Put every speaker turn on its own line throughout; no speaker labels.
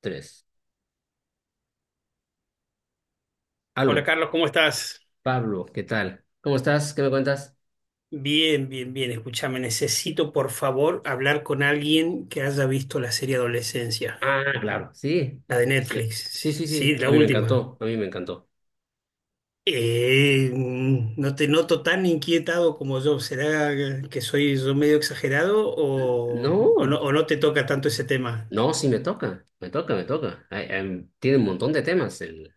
Tres.
Hola
Aló,
Carlos, ¿cómo estás?
Pablo, ¿qué tal? ¿Cómo estás? ¿Qué me cuentas?
Bien, bien, bien. Escúchame, necesito por favor hablar con alguien que haya visto la serie Adolescencia,
Ah, claro, sí.
la de
Sí, sí, sí,
Netflix,
sí, sí,
sí,
a
la
mí me
última.
encantó, a mí me encantó.
No te noto tan inquietado como yo. ¿Será que soy yo medio exagerado
No,
o no te toca tanto ese tema?
no, sí me toca, me toca, me toca. Ay, tiene un montón de temas el,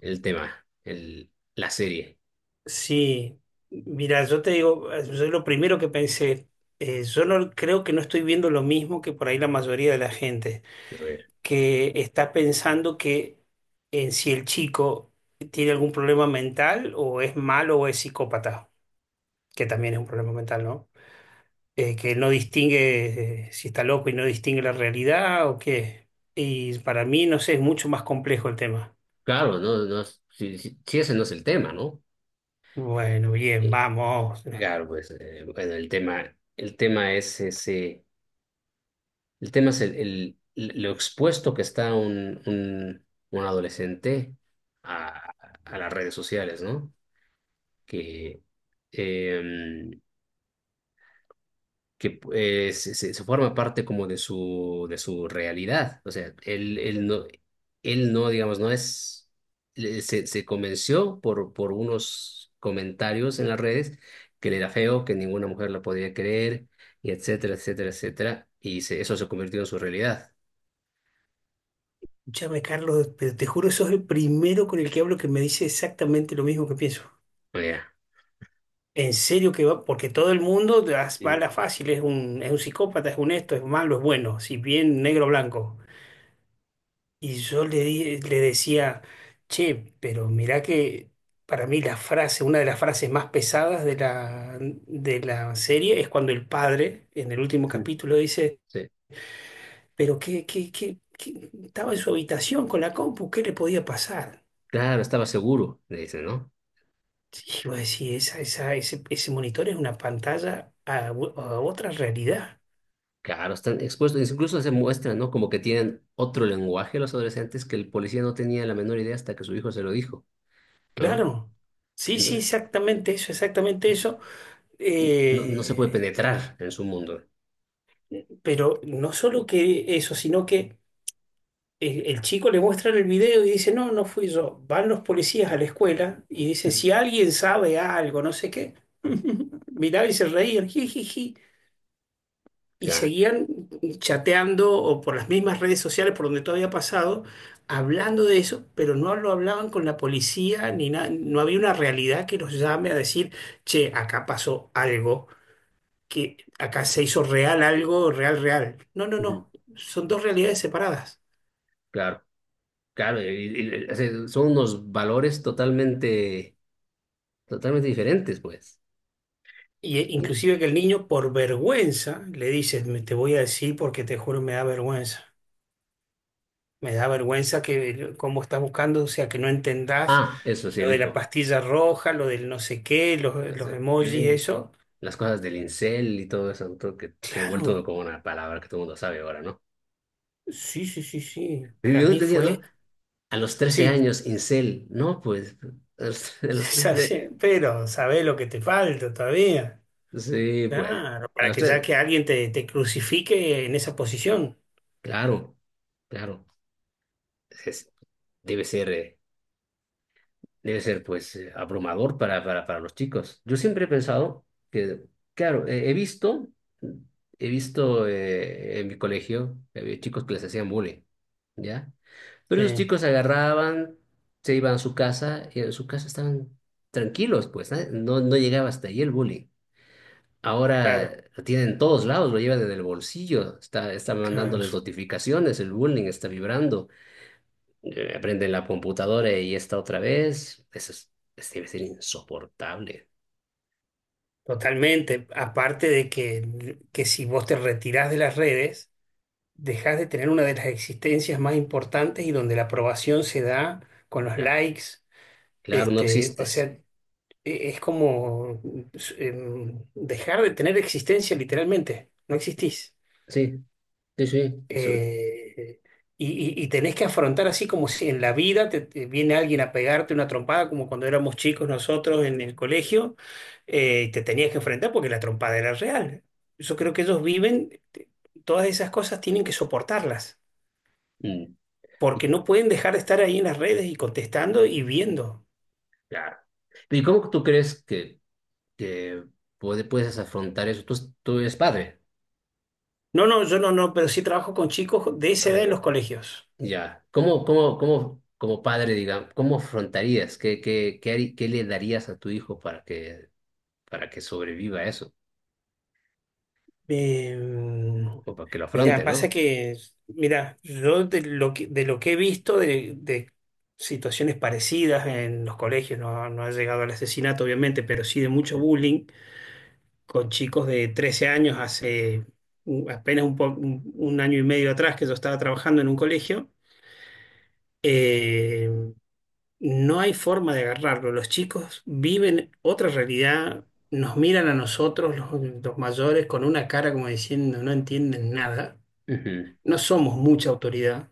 el tema, el, la serie.
Sí, mira, yo te digo, yo lo primero que pensé, yo no creo que no estoy viendo lo mismo que por ahí la mayoría de la gente,
A ver.
que está pensando que en si el chico tiene algún problema mental o es malo o es psicópata, que también es un problema mental, ¿no? Que no distingue si está loco y no distingue la realidad o qué. Y para mí, no sé, es mucho más complejo el tema.
Claro, no, no, si ese no es el tema, ¿no?
Bueno, bien,
Eh,
vamos.
Claro, pues, bueno, el tema es ese. El tema es lo expuesto que está un adolescente a, a las redes sociales, ¿no? Que, em, que se forma parte como de de su realidad. O sea, él no, digamos, no es, se convenció por unos comentarios en las redes que él era feo, que ninguna mujer lo podía querer, y etcétera, etcétera, etcétera. Eso se convirtió en su realidad.
Escúchame, Carlos, pero te juro, sos el primero con el que hablo que me dice exactamente lo mismo que pienso.
O sea,
En serio que va, porque todo el mundo va a
sí.
la fácil, es un psicópata, es un esto, es malo, es bueno, si bien negro o blanco. Y yo le decía, che, pero mirá que para mí la frase, una de las frases más pesadas de de la serie es cuando el padre, en el último capítulo, dice,
Sí.
pero estaba en su habitación con la compu, ¿qué le podía pasar?
Claro, estaba seguro, le dicen, ¿no?
Y vos decís, ese monitor es una pantalla a a otra realidad.
Claro, están expuestos, incluso se muestran, ¿no? Como que tienen otro lenguaje los adolescentes que el policía no tenía la menor idea hasta que su hijo se lo dijo, ¿no?
Claro, sí, sí,
Entonces,
exactamente eso, exactamente eso.
no, no se puede
Eh,
penetrar en su mundo.
pero no solo que eso, sino que el chico le muestra el video y dice, no, no fui yo. Van los policías a la escuela y dicen, si alguien sabe algo, no sé qué, miraba y se reían, jijiji, y
Claro.
seguían chateando o por las mismas redes sociales por donde todo había pasado, hablando de eso, pero no lo hablaban con la policía ni nada, no había una realidad que los llame a decir che, acá pasó algo, que acá se hizo real algo, real, real. No, no,
Ujú.
no, son dos realidades separadas.
Claro, o sea, son unos valores totalmente, totalmente diferentes, pues.
Y
Y-
inclusive que el niño por vergüenza le dice, "Me- te voy a decir porque te juro me da vergüenza. Me da vergüenza que cómo estás buscando, o sea, que no entendás
ah, eso sí,
lo
el
de la
hijo.
pastilla roja, lo del no sé qué,
No
los
sé
emojis,
qué.
eso.
Las cosas del incel y todo eso, creo que se ha
Claro,
vuelto como una palabra que todo el mundo sabe ahora, ¿no?
sí, sí, sí, sí.
Yo
Para
no
mí
entendía, ¿no?
fue,
A los trece
sí,
años, incel. No, pues, a los, a los 13.
pero sabés lo que te falta todavía.
Sí, pues,
Claro,
a
para
los
que ya
13.
que alguien te crucifique en esa posición.
Claro, claro. Es- debe ser, eh, debe ser, pues, abrumador para los chicos. Yo siempre he pensado que, claro, he visto en mi colegio, había chicos que les hacían bullying, ¿ya? Pero esos
Sí,
chicos agarraban, se iban a su casa y en su casa estaban tranquilos, pues, ¿eh? No, no llegaba hasta ahí el bullying.
claro,
Ahora lo tienen en todos lados, lo lleva desde el bolsillo, está mandándoles
claro,
notificaciones, el bullying está vibrando, aprende en la computadora y está otra vez. Debe ser insoportable.
totalmente. Aparte de que si vos te retirás de las redes, dejás de tener una de las existencias más importantes y donde la aprobación se da con los
Ya,
likes.
claro, no
Este, o sea,
existes.
es como dejar de tener existencia literalmente. No existís.
Sí, sí, sí, eso.
Eh, y, y tenés que afrontar así como si en la vida te viene alguien a pegarte una trompada, como cuando éramos chicos nosotros en el colegio, y te tenías que enfrentar porque la trompada era real. Yo creo que ellos viven, todas esas cosas tienen que soportarlas,
Mm, y-
porque no pueden dejar de estar ahí en las redes y contestando y viendo.
claro. ¿Y cómo tú crees que puedes afrontar eso? Tú eres padre.
No, no, yo no, pero sí trabajo con chicos de esa
Ah,
edad en
ya.
los colegios.
Ya. ¿Cómo, cómo, cómo, como padre, digamos, cómo afrontarías? ¿Qué, qué, qué, qué le darías a tu hijo para que sobreviva a eso,
Eh,
o para que lo afronte,
Mirá, pasa
¿no?
que, mira, yo de lo que he visto de situaciones parecidas en los colegios, no, no ha llegado al asesinato, obviamente, pero sí de mucho bullying con chicos de 13 años hace apenas 1 año y medio atrás que yo estaba trabajando en un colegio. eh, no hay forma de agarrarlo. Los chicos viven otra realidad, nos miran a nosotros, los mayores, con una cara como diciendo no entienden nada,
Ujú.
no somos mucha autoridad,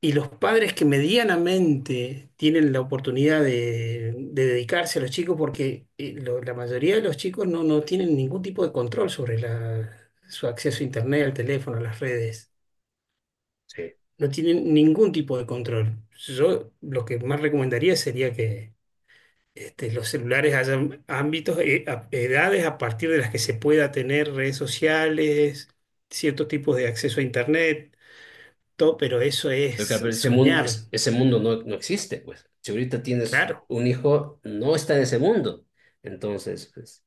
y los padres que medianamente tienen la oportunidad de dedicarse a los chicos, porque la mayoría de los chicos no tienen ningún tipo de control sobre su acceso a internet, al teléfono, a las redes.
Sí.
No tienen ningún tipo de control. Yo lo que más recomendaría sería que este, los celulares hayan ámbitos, edades a partir de las que se pueda tener redes sociales, ciertos tipos de acceso a internet pero eso
Pero claro,
es
pero ese mundo,
soñar,
ese mundo no, no existe, pues. Si ahorita tienes
claro,
un hijo, no está en ese mundo. Entonces, pues,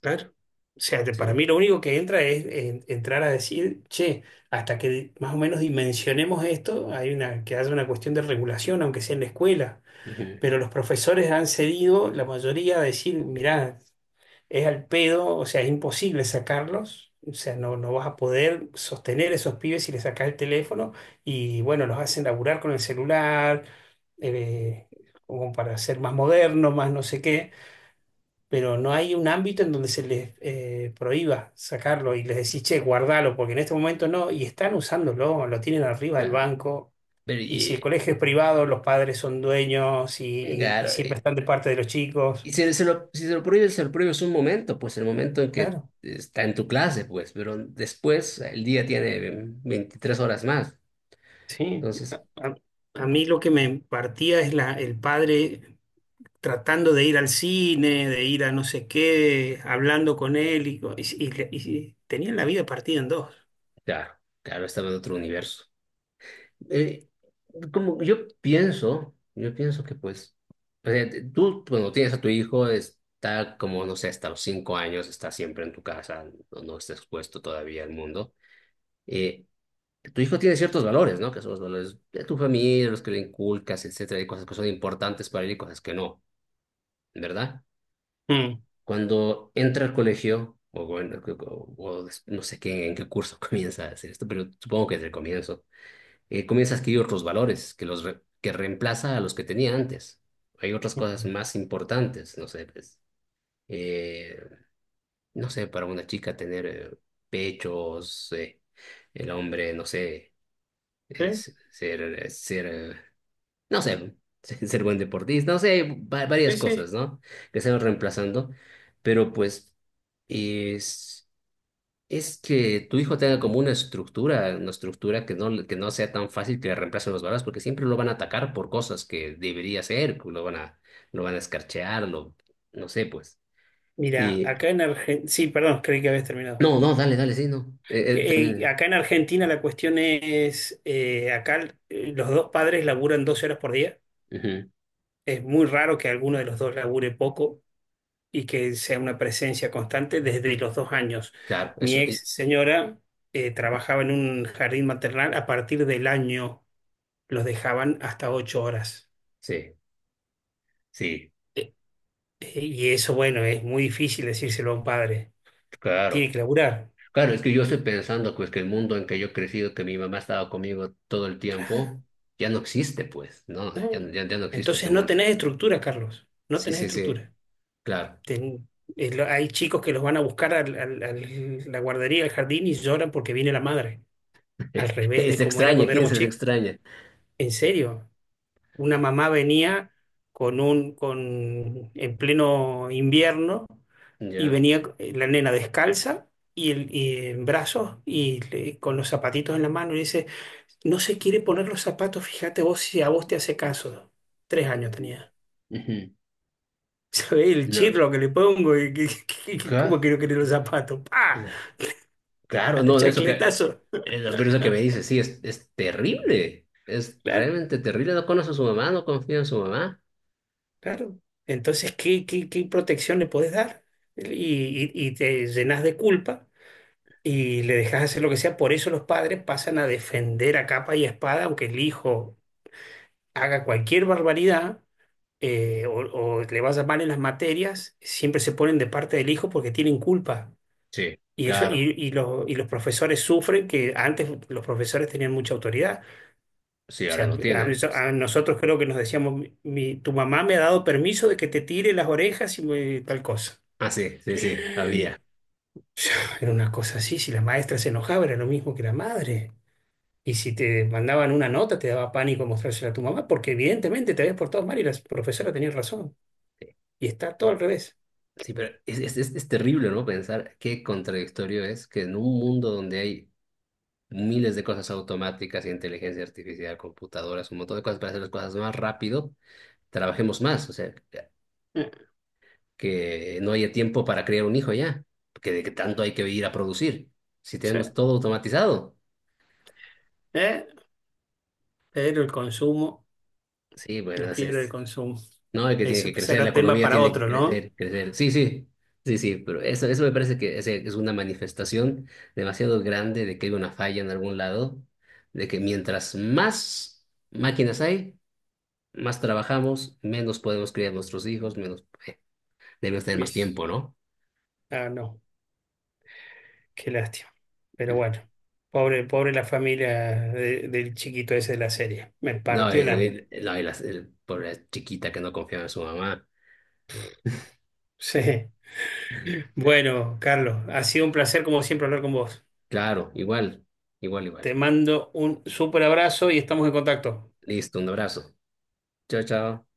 claro. O sea, que para
sí.
mí lo único que entra es entrar a decir, che, hasta que más o menos dimensionemos esto, hay una, que haya una cuestión de regulación, aunque sea en la escuela,
Ujú.
pero los profesores han cedido, la mayoría, a decir, mirá, es al pedo, o sea, es imposible sacarlos, o sea, no, no vas a poder sostener esos pibes si les sacas el teléfono, y bueno, los hacen laburar con el celular, eh, como para ser más modernos, más no sé qué, pero no hay un ámbito en donde se les prohíba sacarlo y les decís, che, guardalo, porque en este momento no, y están usándolo, lo tienen arriba del
Claro.
banco.
Pero,
Y si el
y,
colegio es privado, los padres son dueños y
claro,
siempre están de parte de los chicos.
y si se lo, si se lo prohíbes, se lo prohíbes un momento, pues el momento en que
Claro,
está en tu clase, pues, pero después el día tiene 23 horas más.
sí.
Entonces,
A, a mí lo que me partía es el padre tratando de ir al cine, de ir a no sé qué, hablando con él y tenían la vida partida en dos.
claro, claro, estaba en otro universo. eh, Como yo pienso que pues, o sea, tú cuando tienes a tu hijo está como, no sé, hasta los 5 años, está siempre en tu casa, no, no está expuesto todavía al mundo. Eh, Tu hijo tiene ciertos valores, ¿no? Que son los valores de tu familia, los que le inculcas, etcétera, hay cosas que son importantes para él y cosas que no, ¿verdad?
Mm.
Cuando entra al colegio, o bueno, no sé qué, en qué curso comienza a hacer esto, pero supongo que desde el comienzo comienza a adquirir otros valores que que reemplaza a los que tenía antes. Hay otras cosas más importantes, no sé, pues, eh, no sé, para una chica tener pechos, el hombre, no sé,
Sí,
ser, ser, no sé, ser buen deportista, no sé,
sí,
varias
sí.
cosas, ¿no? Que se van reemplazando, pero pues es es que tu hijo tenga como una estructura que no sea tan fácil que le reemplacen los valores, porque siempre lo van a atacar por cosas que debería hacer, que lo van a escarchear, lo, no sé, pues.
Mira,
Y
acá en Argentina, sí, perdón, creí que habías terminado.
no, no, dale, dale, sí, no.
Que,
Termina.
acá en Argentina la cuestión es, acá los dos padres laburan 12 horas por día.
Ujú.
Es muy raro que alguno de los dos labure poco, y que sea una presencia constante desde los 2 años.
Claro,
Mi
eso,
ex señora trabajaba en un jardín maternal, a partir del año los dejaban hasta 8 horas.
sí, sí,
Eh, y eso, bueno, es muy difícil decírselo a un padre. Tiene
claro.
que laburar.
Claro, es que yo estoy pensando, pues, que el mundo en que yo he crecido, que mi mamá estaba conmigo todo el
Claro,
tiempo, ya no existe, pues, no,
no.
ya no existe ese
Entonces no
mundo.
tenés estructura, Carlos. No
Sí,
tenés
sí, sí,
estructura.
claro.
Ten- Hay chicos que los van a buscar la guardería, al jardín, y lloran porque viene la madre. Al revés de
Es
como era
extraña,
cuando
¿quién
éramos
es esa
chicos.
extraña?
En serio. Una mamá venía con, en pleno invierno, y
Ya.
venía la nena descalza y en brazos con los zapatitos en la mano, y dice, no se quiere poner los zapatos, fíjate vos si a vos te hace caso. 3 años
Sí.
tenía.
Ujú.
¿Sabés el
No,
chirlo que le pongo? ¿Cómo
ca-
quiero querer los zapatos? ¡Pah!
claro,
El
no, eso que,
chacletazo.
pero eso que me dice, sí, es terrible, es
Claro,
realmente terrible, no conoce a su mamá, no confía en su mamá.
claro. Entonces, qué protección le podés dar? Y, y te llenas de culpa y le dejas hacer lo que sea. Por eso los padres pasan a defender a capa y espada, aunque el hijo haga cualquier barbaridad eh, o, o le vaya mal en las materias, siempre se ponen de parte del hijo porque tienen culpa.
Sí,
Y eso,
claro,
y y los profesores sufren, que antes los profesores tenían mucha autoridad.
sí,
O sea,
ahora no tienen, pues.
a nosotros creo que nos decíamos, Tu mamá me ha dado permiso de que te tire las orejas tal cosa.
Ah, sí, sí, sí, había.
Era una cosa así, si la maestra se enojaba, era lo mismo que la madre. Y si te mandaban una nota, te daba pánico mostrársela a tu mamá, porque evidentemente te habías portado mal y la profesora tenía razón. Y está todo al revés.
Sí, pero es terrible, ¿no? Pensar qué contradictorio es que en un mundo donde hay miles de cosas automáticas, inteligencia artificial, computadoras, un montón de cosas para hacer las cosas más rápido, trabajemos más, o sea, que
Eh,
no haya tiempo para criar un hijo ya, porque de que tanto hay que ir a producir. Si
sí.
tenemos todo automatizado,
Eh, pero el consumo,
sí,
la
bueno,
fiebre del consumo,
no, es que tiene
eso
que crecer, la
será tema
economía
para
tiene que
otro, ¿no?
crecer, crecer. Sí, sí, sí, sí, pero eso me parece que es una manifestación demasiado grande de que hay una falla en algún lado, de que mientras más máquinas hay, más trabajamos, menos podemos criar nuestros hijos, menos, debemos tener más
¿Ves?
tiempo, ¿no?
Ah, no, qué lástima. Pero bueno, pobre, pobre la familia del chiquito ese de la serie. Me
No,
partió el alma.
no, y el pobre chiquita que no confiaba en su mamá. Eh,
Sí. Bueno, Carlos, ha sido un placer como siempre hablar con vos.
Claro, igual, igual,
Te
igual.
mando un súper abrazo y estamos en contacto.
Listo, un abrazo. Chao, chao.